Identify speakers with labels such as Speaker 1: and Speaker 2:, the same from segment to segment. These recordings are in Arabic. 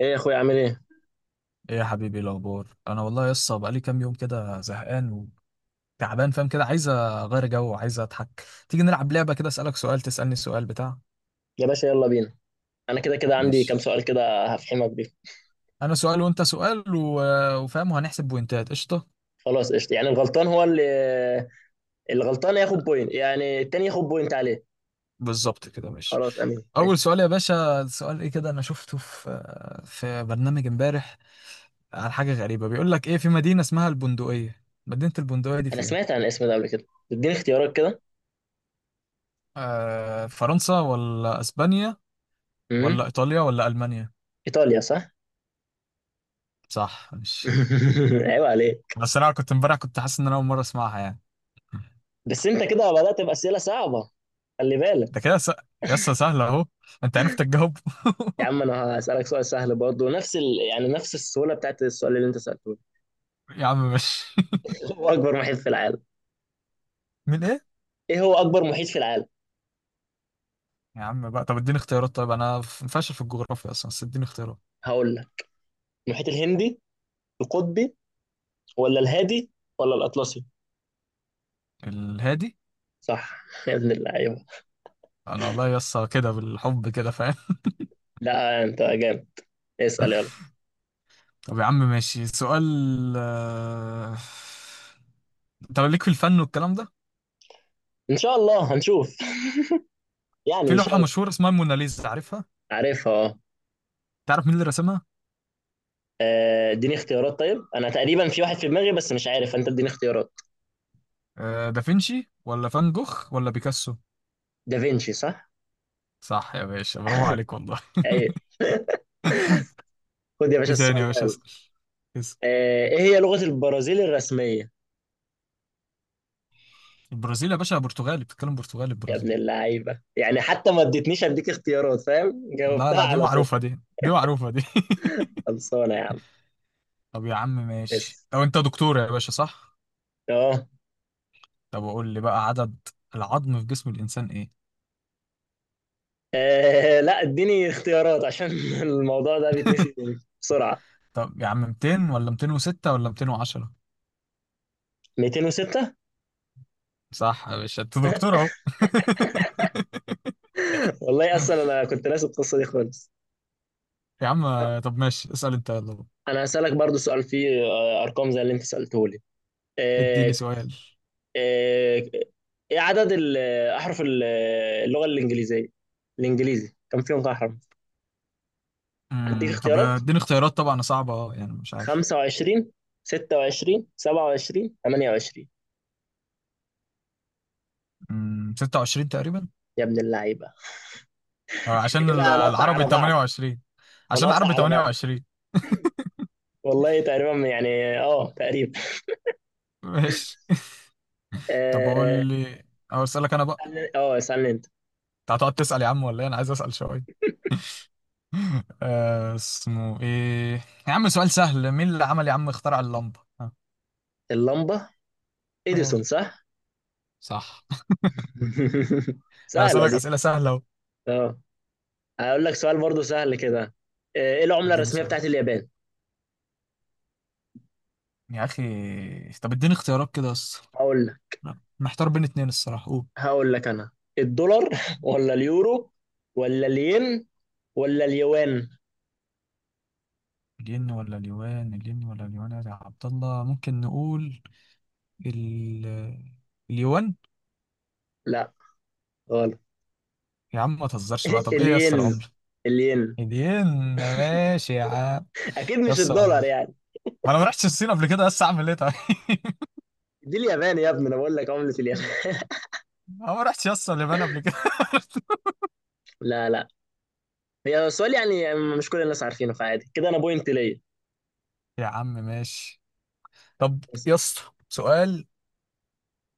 Speaker 1: ايه يا اخويا عامل ايه؟
Speaker 2: ايه يا حبيبي؟ إيه الاخبار؟ انا والله لسه بقالي كام يوم كده زهقان وتعبان، فاهم؟ كده عايز اغير جو وعايز اضحك. تيجي نلعب لعبه كده، اسالك سؤال تسالني سؤال بتاع،
Speaker 1: يا باشا يلا بينا. انا كده كده عندي كام
Speaker 2: ماشي؟
Speaker 1: سؤال كده هفحمك بيه.
Speaker 2: انا سؤال وانت سؤال وفاهم، وهنحسب بوينتات. قشطه،
Speaker 1: خلاص قشطة. يعني الغلطان هو اللي الغلطان ياخد بوينت، يعني التاني ياخد بوينت عليه.
Speaker 2: بالظبط كده ماشي.
Speaker 1: خلاص، امين، ماشي.
Speaker 2: اول سؤال يا باشا، سؤال ايه كده؟ انا شفته في برنامج امبارح، عن حاجه غريبه بيقول لك ايه: في مدينه اسمها البندقيه، مدينه البندقيه دي
Speaker 1: انا
Speaker 2: فين؟
Speaker 1: سمعت عن الاسم ده قبل كده، اديني اختيارات كده.
Speaker 2: فرنسا ولا اسبانيا
Speaker 1: امم.
Speaker 2: ولا ايطاليا ولا المانيا؟
Speaker 1: ايطاليا، صح.
Speaker 2: صح، ماشي.
Speaker 1: عيب عليك.
Speaker 2: بس انا كنت امبارح كنت حاسس ان انا اول مره اسمعها يعني.
Speaker 1: بس انت كده بدأت بأسئلة صعبة، خلي بالك.
Speaker 2: ده كده يسا سهله اهو، انت عرفت تجاوب.
Speaker 1: يا عم انا هسألك سؤال سهل برضه نفس يعني نفس السهولة بتاعت السؤال اللي انت سألته.
Speaker 2: يا عم مش،
Speaker 1: هو اكبر محيط في العالم
Speaker 2: من ايه؟
Speaker 1: ايه هو اكبر محيط في العالم؟
Speaker 2: يا عم بقى طب اديني اختيارات. طيب انا فاشل في الجغرافيا اصلا، بس اديني اختيارات.
Speaker 1: هقول لك: المحيط الهندي، القطبي، ولا الهادي، ولا الأطلسي؟
Speaker 2: الهادي.
Speaker 1: صح. يا ابن اللعيبة.
Speaker 2: انا والله يسا كده بالحب كده، فاهم؟
Speaker 1: لا أنت جامد، اسأل يلا.
Speaker 2: طب يا عم ماشي سؤال. آه، طب ليك في الفن والكلام ده؟
Speaker 1: إن شاء الله هنشوف. يعني
Speaker 2: في
Speaker 1: مش
Speaker 2: لوحة
Speaker 1: قوي.
Speaker 2: مشهورة اسمها الموناليزا، عارفها؟
Speaker 1: عارفها، اه.
Speaker 2: تعرف مين اللي رسمها؟
Speaker 1: اديني اختيارات، طيب أنا تقريبا في واحد في دماغي بس مش عارف أنت، اديني اختيارات.
Speaker 2: دافنشي ولا فان جوخ ولا بيكاسو؟
Speaker 1: دافينشي، صح؟
Speaker 2: صح يا باشا، برافو عليك والله.
Speaker 1: أيوه. خد يا باشا
Speaker 2: ايه تاني
Speaker 1: السؤال
Speaker 2: يا
Speaker 1: ده،
Speaker 2: باشا؟
Speaker 1: يلا.
Speaker 2: اسأل اسأل.
Speaker 1: إيه هي لغة البرازيل الرسمية؟
Speaker 2: البرازيل يا باشا برتغالي، بتتكلم برتغالي
Speaker 1: يا
Speaker 2: البرازيل.
Speaker 1: ابن اللعيبة، يعني حتى ما اديتنيش، أديك اختيارات فاهم؟
Speaker 2: لا
Speaker 1: جاوبتها
Speaker 2: لا، دي
Speaker 1: على طول.
Speaker 2: معروفة، دي معروفة دي.
Speaker 1: خلصانة يا عم.
Speaker 2: طب يا عم ماشي.
Speaker 1: اسأل.
Speaker 2: طب انت دكتور يا باشا، صح؟
Speaker 1: أه.
Speaker 2: طب قول لي بقى، عدد العظم في جسم الانسان ايه؟
Speaker 1: لا اديني اختيارات عشان الموضوع ده بيتنسي بسرعة.
Speaker 2: طب يا عم، 200 ولا 206 ولا 210؟
Speaker 1: 206.
Speaker 2: صح يا باشا، انت دكتور اهو.
Speaker 1: والله اصلا انا كنت ناسي القصه دي خالص.
Speaker 2: يا عم، طب ماشي اسأل انت يلا بقى.
Speaker 1: انا هسالك برضو سؤال فيه ارقام زي اللي انت سالته لي.
Speaker 2: اديني
Speaker 1: آه،
Speaker 2: سؤال.
Speaker 1: آه، ايه عدد احرف اللغه الانجليزيه، الانجليزي كم فيهم احرف؟ هديك
Speaker 2: طب
Speaker 1: اختيارات:
Speaker 2: اديني اختيارات، طبعا صعبة يعني مش عارف.
Speaker 1: 25، 26، 27، 28؟
Speaker 2: 26 تقريبا.
Speaker 1: يا ابن اللعيبه، احنا
Speaker 2: عشان
Speaker 1: كده هنقطع
Speaker 2: العربي
Speaker 1: على بعض،
Speaker 2: 28، عشان
Speaker 1: هنقطع
Speaker 2: العربي
Speaker 1: على بعض.
Speaker 2: 28.
Speaker 1: والله تقريبا، يعني اه، تقريبا،
Speaker 2: ماشي. طب قول
Speaker 1: اه.
Speaker 2: لي، او اسالك انا بقى،
Speaker 1: اسالني انت.
Speaker 2: انت هتقعد تسال يا عم ولا ايه؟ انا عايز اسال شويه. اسمه ايه؟ يا عم سؤال سهل، مين اللي عمل يا عم اخترع اللمبه، ها؟
Speaker 1: اللمبه،
Speaker 2: اه،
Speaker 1: اديسون صح.
Speaker 2: صح. انا
Speaker 1: سهلة
Speaker 2: بسالك
Speaker 1: دي،
Speaker 2: اسئله سهله اهو.
Speaker 1: اه. هقول لك سؤال برضو سهل كده. ايه العملة
Speaker 2: اديني
Speaker 1: الرسمية
Speaker 2: سؤال
Speaker 1: بتاعت اليابان؟
Speaker 2: يا اخي. طب اديني اختيارات كده بس.
Speaker 1: هقول لك،
Speaker 2: لا، محتار بين اتنين الصراحه، قول.
Speaker 1: هقول لك انا: الدولار ولا اليورو، ولا الين، ولا اليوان؟
Speaker 2: الين ولا اليوان؟ الين ولا اليوان يا عبد الله؟ ممكن نقول ال... اليوان.
Speaker 1: لا، غلط.
Speaker 2: يا عم ما تهزرش بقى، طب ايه يا اسطى
Speaker 1: الين،
Speaker 2: العمر؟
Speaker 1: الين.
Speaker 2: هدين، ماشي يا عم.
Speaker 1: اكيد
Speaker 2: يا
Speaker 1: مش
Speaker 2: اسطى،
Speaker 1: الدولار يعني.
Speaker 2: ما انا ما رحتش الصين قبل كده، بس اعمل ايه طيب؟
Speaker 1: دي اليابان يا ابني، انا بقول لك عملة اليابان.
Speaker 2: انا ما رحتش يا اسطى اليابان قبل كده.
Speaker 1: لا لا، هي السؤال يعني مش كل الناس عارفينه، فعادي كده، انا بوينت ليا.
Speaker 2: يا عم ماشي. طب
Speaker 1: بس.
Speaker 2: يا اسطى سؤال،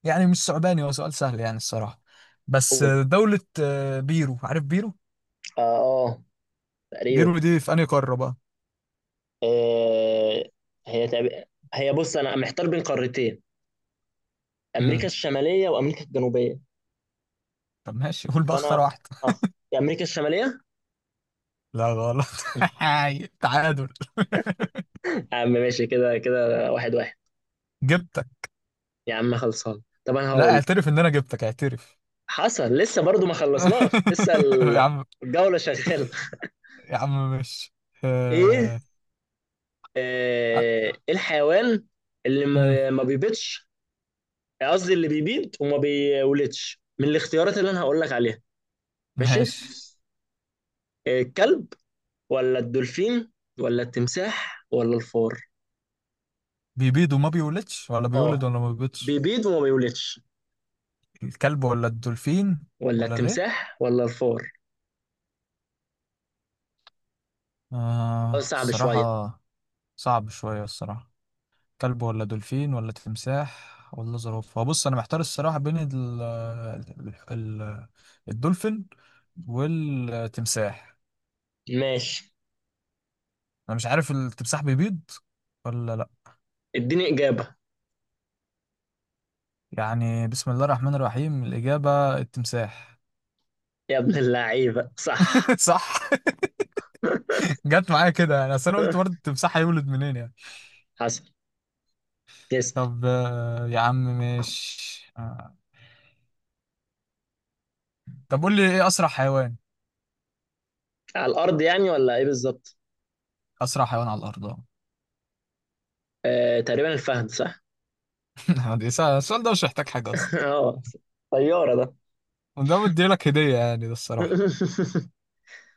Speaker 2: يعني مش صعباني، هو سؤال سهل يعني الصراحة. بس
Speaker 1: قول.
Speaker 2: دولة بيرو، عارف بيرو؟
Speaker 1: اه، اه، تقريبا.
Speaker 2: بيرو دي في انهي قارة بقى؟
Speaker 1: آه هي تقريبا- هي بص انا محتار بين قارتين: امريكا
Speaker 2: امم
Speaker 1: الشماليه وامريكا الجنوبيه.
Speaker 2: طب ماشي، قول بقى
Speaker 1: فانا
Speaker 2: اختار
Speaker 1: أخ...
Speaker 2: واحدة.
Speaker 1: أخ... يا امريكا الشماليه.
Speaker 2: لا غلط. تعادل،
Speaker 1: يا عم ماشي كده كده، واحد واحد.
Speaker 2: جبتك.
Speaker 1: يا عم خلصان، طب انا
Speaker 2: لا،
Speaker 1: هقول
Speaker 2: اعترف ان انا جبتك، اعترف.
Speaker 1: حصل لسه، برضو ما خلصناش لسه
Speaker 2: يا عم،
Speaker 1: الجوله شغاله.
Speaker 2: يا عم مش
Speaker 1: ايه؟
Speaker 2: آه... آه،
Speaker 1: ايه الحيوان اللي
Speaker 2: مم،
Speaker 1: ما بيبيضش، قصدي اللي بيبيض وما بيولدش، من الاختيارات اللي انا هقول لك عليها. ماشي،
Speaker 2: ماشي.
Speaker 1: الكلب ولا الدولفين ولا التمساح ولا الفار؟
Speaker 2: بيبيض وما بيولدش، ولا
Speaker 1: اه،
Speaker 2: بيولد، ولا ما بيبيضش؟
Speaker 1: بيبيض وما بيولدش.
Speaker 2: الكلب ولا الدولفين
Speaker 1: ولا
Speaker 2: ولا الايه؟
Speaker 1: التمساح، ولا الفار. سؤال صعب شوية.
Speaker 2: الصراحة صعب شوية، الصراحة. كلب ولا دولفين ولا تمساح ولا زرافة؟ بص أنا محتار الصراحة بين الدولفين والتمساح.
Speaker 1: ماشي.
Speaker 2: أنا مش عارف التمساح بيبيض ولا لأ؟
Speaker 1: اديني إجابة.
Speaker 2: يعني بسم الله الرحمن الرحيم، الإجابة التمساح.
Speaker 1: يا ابن اللعيبة صح.
Speaker 2: صح. جت معايا كده يعني، اصل انا قلت برضه التمساح هيولد منين يعني.
Speaker 1: حسن، تسأل.
Speaker 2: طب يا عم ماشي طب قول لي، ايه اسرع حيوان؟
Speaker 1: على الأرض يعني ولا إيه بالظبط؟
Speaker 2: اسرع حيوان على الارض.
Speaker 1: تقريبا الفهد، صح؟
Speaker 2: دي السؤال ده مش محتاج حاجه اصلا،
Speaker 1: اه، طيارة ده.
Speaker 2: وده مديلك هديه يعني ده الصراحه،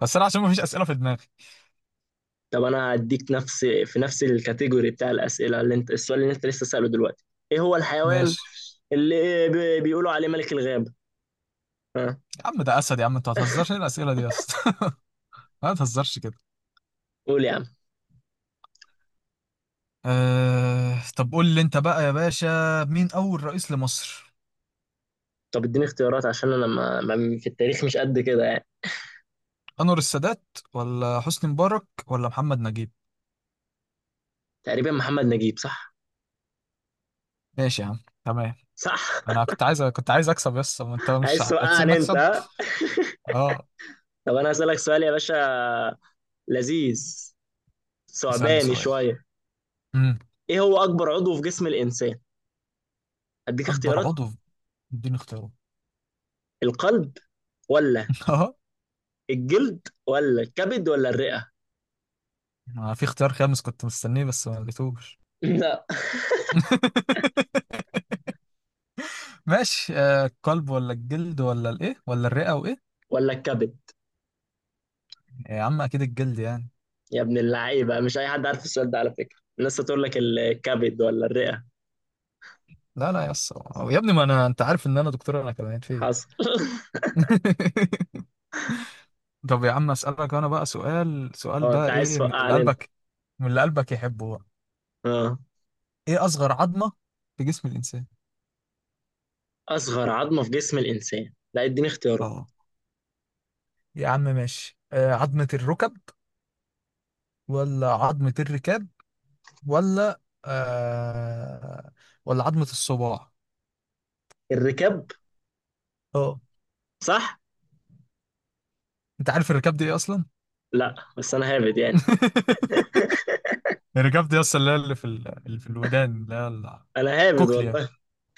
Speaker 2: بس انا عشان مفيش اسئله في دماغي.
Speaker 1: طب أنا هديك نفس، في نفس الكاتيجوري بتاع الأسئلة، اللي أنت السؤال اللي أنت لسه سأله دلوقتي: إيه هو الحيوان
Speaker 2: ماشي.
Speaker 1: اللي بيقولوا عليه ملك الغابة؟ ها؟
Speaker 2: يا عم ده اسد، يا عم انت ما تهزرش، إيه الاسئله دي يا اسطى؟ ما تهزرش كده.
Speaker 1: قول يا عم.
Speaker 2: طب قول لي انت بقى يا باشا، مين اول رئيس لمصر؟
Speaker 1: طب اديني اختيارات عشان أنا في التاريخ مش قد كده يعني.
Speaker 2: انور السادات ولا حسني مبارك ولا محمد نجيب؟
Speaker 1: تقريبا محمد نجيب، صح؟
Speaker 2: ماشي يا عم، تمام.
Speaker 1: صح.
Speaker 2: انا كنت عايز اكسب يس، ما انت مش
Speaker 1: عايز
Speaker 2: هتسيبني
Speaker 1: توقعني أنت،
Speaker 2: اكسب.
Speaker 1: ها؟
Speaker 2: اه،
Speaker 1: طب انا هسألك سؤال يا باشا لذيذ،
Speaker 2: اسالني
Speaker 1: ثعباني
Speaker 2: سؤال.
Speaker 1: شوية.
Speaker 2: امم
Speaker 1: ايه هو اكبر عضو في جسم الانسان؟ اديك
Speaker 2: اكبر
Speaker 1: اختيارات:
Speaker 2: عضو اديني اختياره.
Speaker 1: القلب، ولا
Speaker 2: اه،
Speaker 1: الجلد، ولا الكبد، ولا الرئة؟
Speaker 2: ما في اختيار خامس، كنت مستنيه بس ما لقيتوش.
Speaker 1: لا،
Speaker 2: ماشي، القلب ولا الجلد ولا الايه ولا الرئه وايه؟
Speaker 1: ولا الكبد.
Speaker 2: يا عم اكيد الجلد يعني.
Speaker 1: يا ابن اللعيبة، مش اي حد عارف السؤال ده، على فكرة الناس هتقول لك الكبد ولا الرئة.
Speaker 2: لا لا يس، يا ابني ما انا انت عارف ان انا دكتور انا كمان في إيه؟
Speaker 1: حصل.
Speaker 2: طب يا عم اسالك انا بقى سؤال، سؤال
Speaker 1: اه، انت
Speaker 2: بقى،
Speaker 1: عايز
Speaker 2: ايه من اللي
Speaker 1: توقعني انت.
Speaker 2: قلبك؟ من اللي قلبك يحبه بقى؟
Speaker 1: اه.
Speaker 2: ايه اصغر عظمه في جسم الانسان؟
Speaker 1: اصغر عظمة في جسم الانسان، لا اديني اختيارات.
Speaker 2: اه. يا عم ماشي، عظمة الركب ولا عظمة الركاب ولا آه ولا عظمة الصباع؟
Speaker 1: الركاب.
Speaker 2: اه.
Speaker 1: صح.
Speaker 2: انت عارف الركاب دي ايه اصلا؟
Speaker 1: لا بس انا هابد يعني،
Speaker 2: الركاب دي اصلا اللي هي، اللي في الودان، اللي هي
Speaker 1: انا هابد
Speaker 2: الكوكليا.
Speaker 1: والله،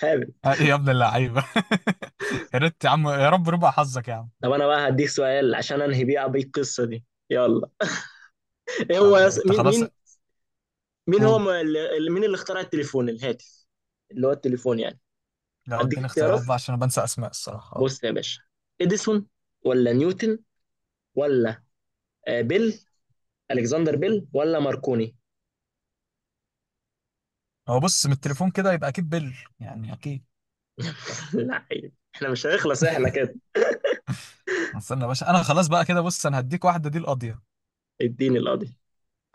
Speaker 1: هابد.
Speaker 2: ايه يا ابن اللعيبة. يا ريت يا عم، يا رب ربع حظك يا عم.
Speaker 1: طب انا بقى هديك سؤال عشان انهي بيه بيه القصه دي، يلا. ايه هو
Speaker 2: طب
Speaker 1: يص...
Speaker 2: انت
Speaker 1: مين
Speaker 2: خلاص،
Speaker 1: مين مين هو
Speaker 2: قول.
Speaker 1: م- اللي مين اللي اخترع التليفون، الهاتف، اللي هو التليفون يعني.
Speaker 2: لو
Speaker 1: اديك
Speaker 2: اديني
Speaker 1: اختيارات،
Speaker 2: اختيارات بقى، عشان انا بنسى اسماء الصراحة. اه
Speaker 1: بص يا باشا: اديسون، ولا نيوتن، ولا بيل، الكسندر بيل، ولا ماركوني؟
Speaker 2: هو بص، من التليفون كده يبقى اكيد بل، يعني اكيد.
Speaker 1: لا عيب، احنا مش هنخلص احنا كده.
Speaker 2: استنى يا باشا، انا خلاص بقى كده، بص انا هديك واحدة دي القاضية.
Speaker 1: اديني القاضي.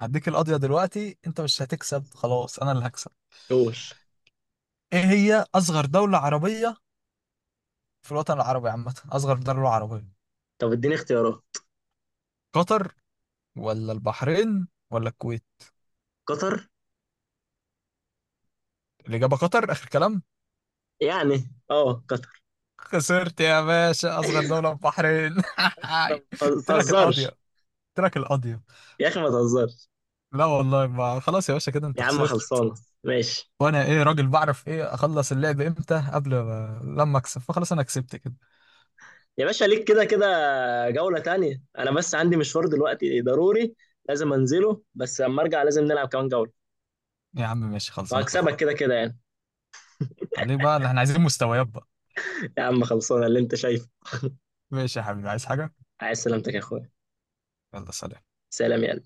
Speaker 2: هديك القضية دلوقتي، انت مش هتكسب خلاص، انا اللي هكسب.
Speaker 1: قول.
Speaker 2: ايه هي اصغر دولة عربية في الوطن العربي عامة، اصغر دولة عربية؟
Speaker 1: طب اديني اختيارات.
Speaker 2: قطر ولا البحرين ولا الكويت؟
Speaker 1: قطر.
Speaker 2: الإجابة قطر، آخر كلام.
Speaker 1: يعني اه، قطر.
Speaker 2: خسرت يا باشا، أصغر دولة البحرين.
Speaker 1: طب ما
Speaker 2: قلت لك القاضية،
Speaker 1: تهزرش.
Speaker 2: قلت لك القاضية.
Speaker 1: يا اخي ما تهزرش.
Speaker 2: لا والله، ما خلاص يا باشا كده، أنت
Speaker 1: يا عم
Speaker 2: خسرت.
Speaker 1: خلصانه. ماشي
Speaker 2: وأنا إيه، راجل بعرف إيه أخلص اللعب إمتى، قبل ما لما أكسب فخلاص، أنا كسبت كده.
Speaker 1: يا باشا، ليك كده كده جولة تانية، أنا بس عندي مشوار دلوقتي ضروري، لازم أنزله، بس لما أرجع لازم نلعب كمان جولة.
Speaker 2: يا عم ماشي، خلاص أنا
Speaker 1: وهكسبك
Speaker 2: اتفقنا،
Speaker 1: كده كده يعني.
Speaker 2: خليه بقى اللي إحنا عايزين مستويات بقى.
Speaker 1: يا عم خلصانة اللي أنت شايفه.
Speaker 2: ماشي يا حبيبي، عايز حاجة؟
Speaker 1: عايز سلامتك يا أخويا.
Speaker 2: يلا سلام.
Speaker 1: سلام يا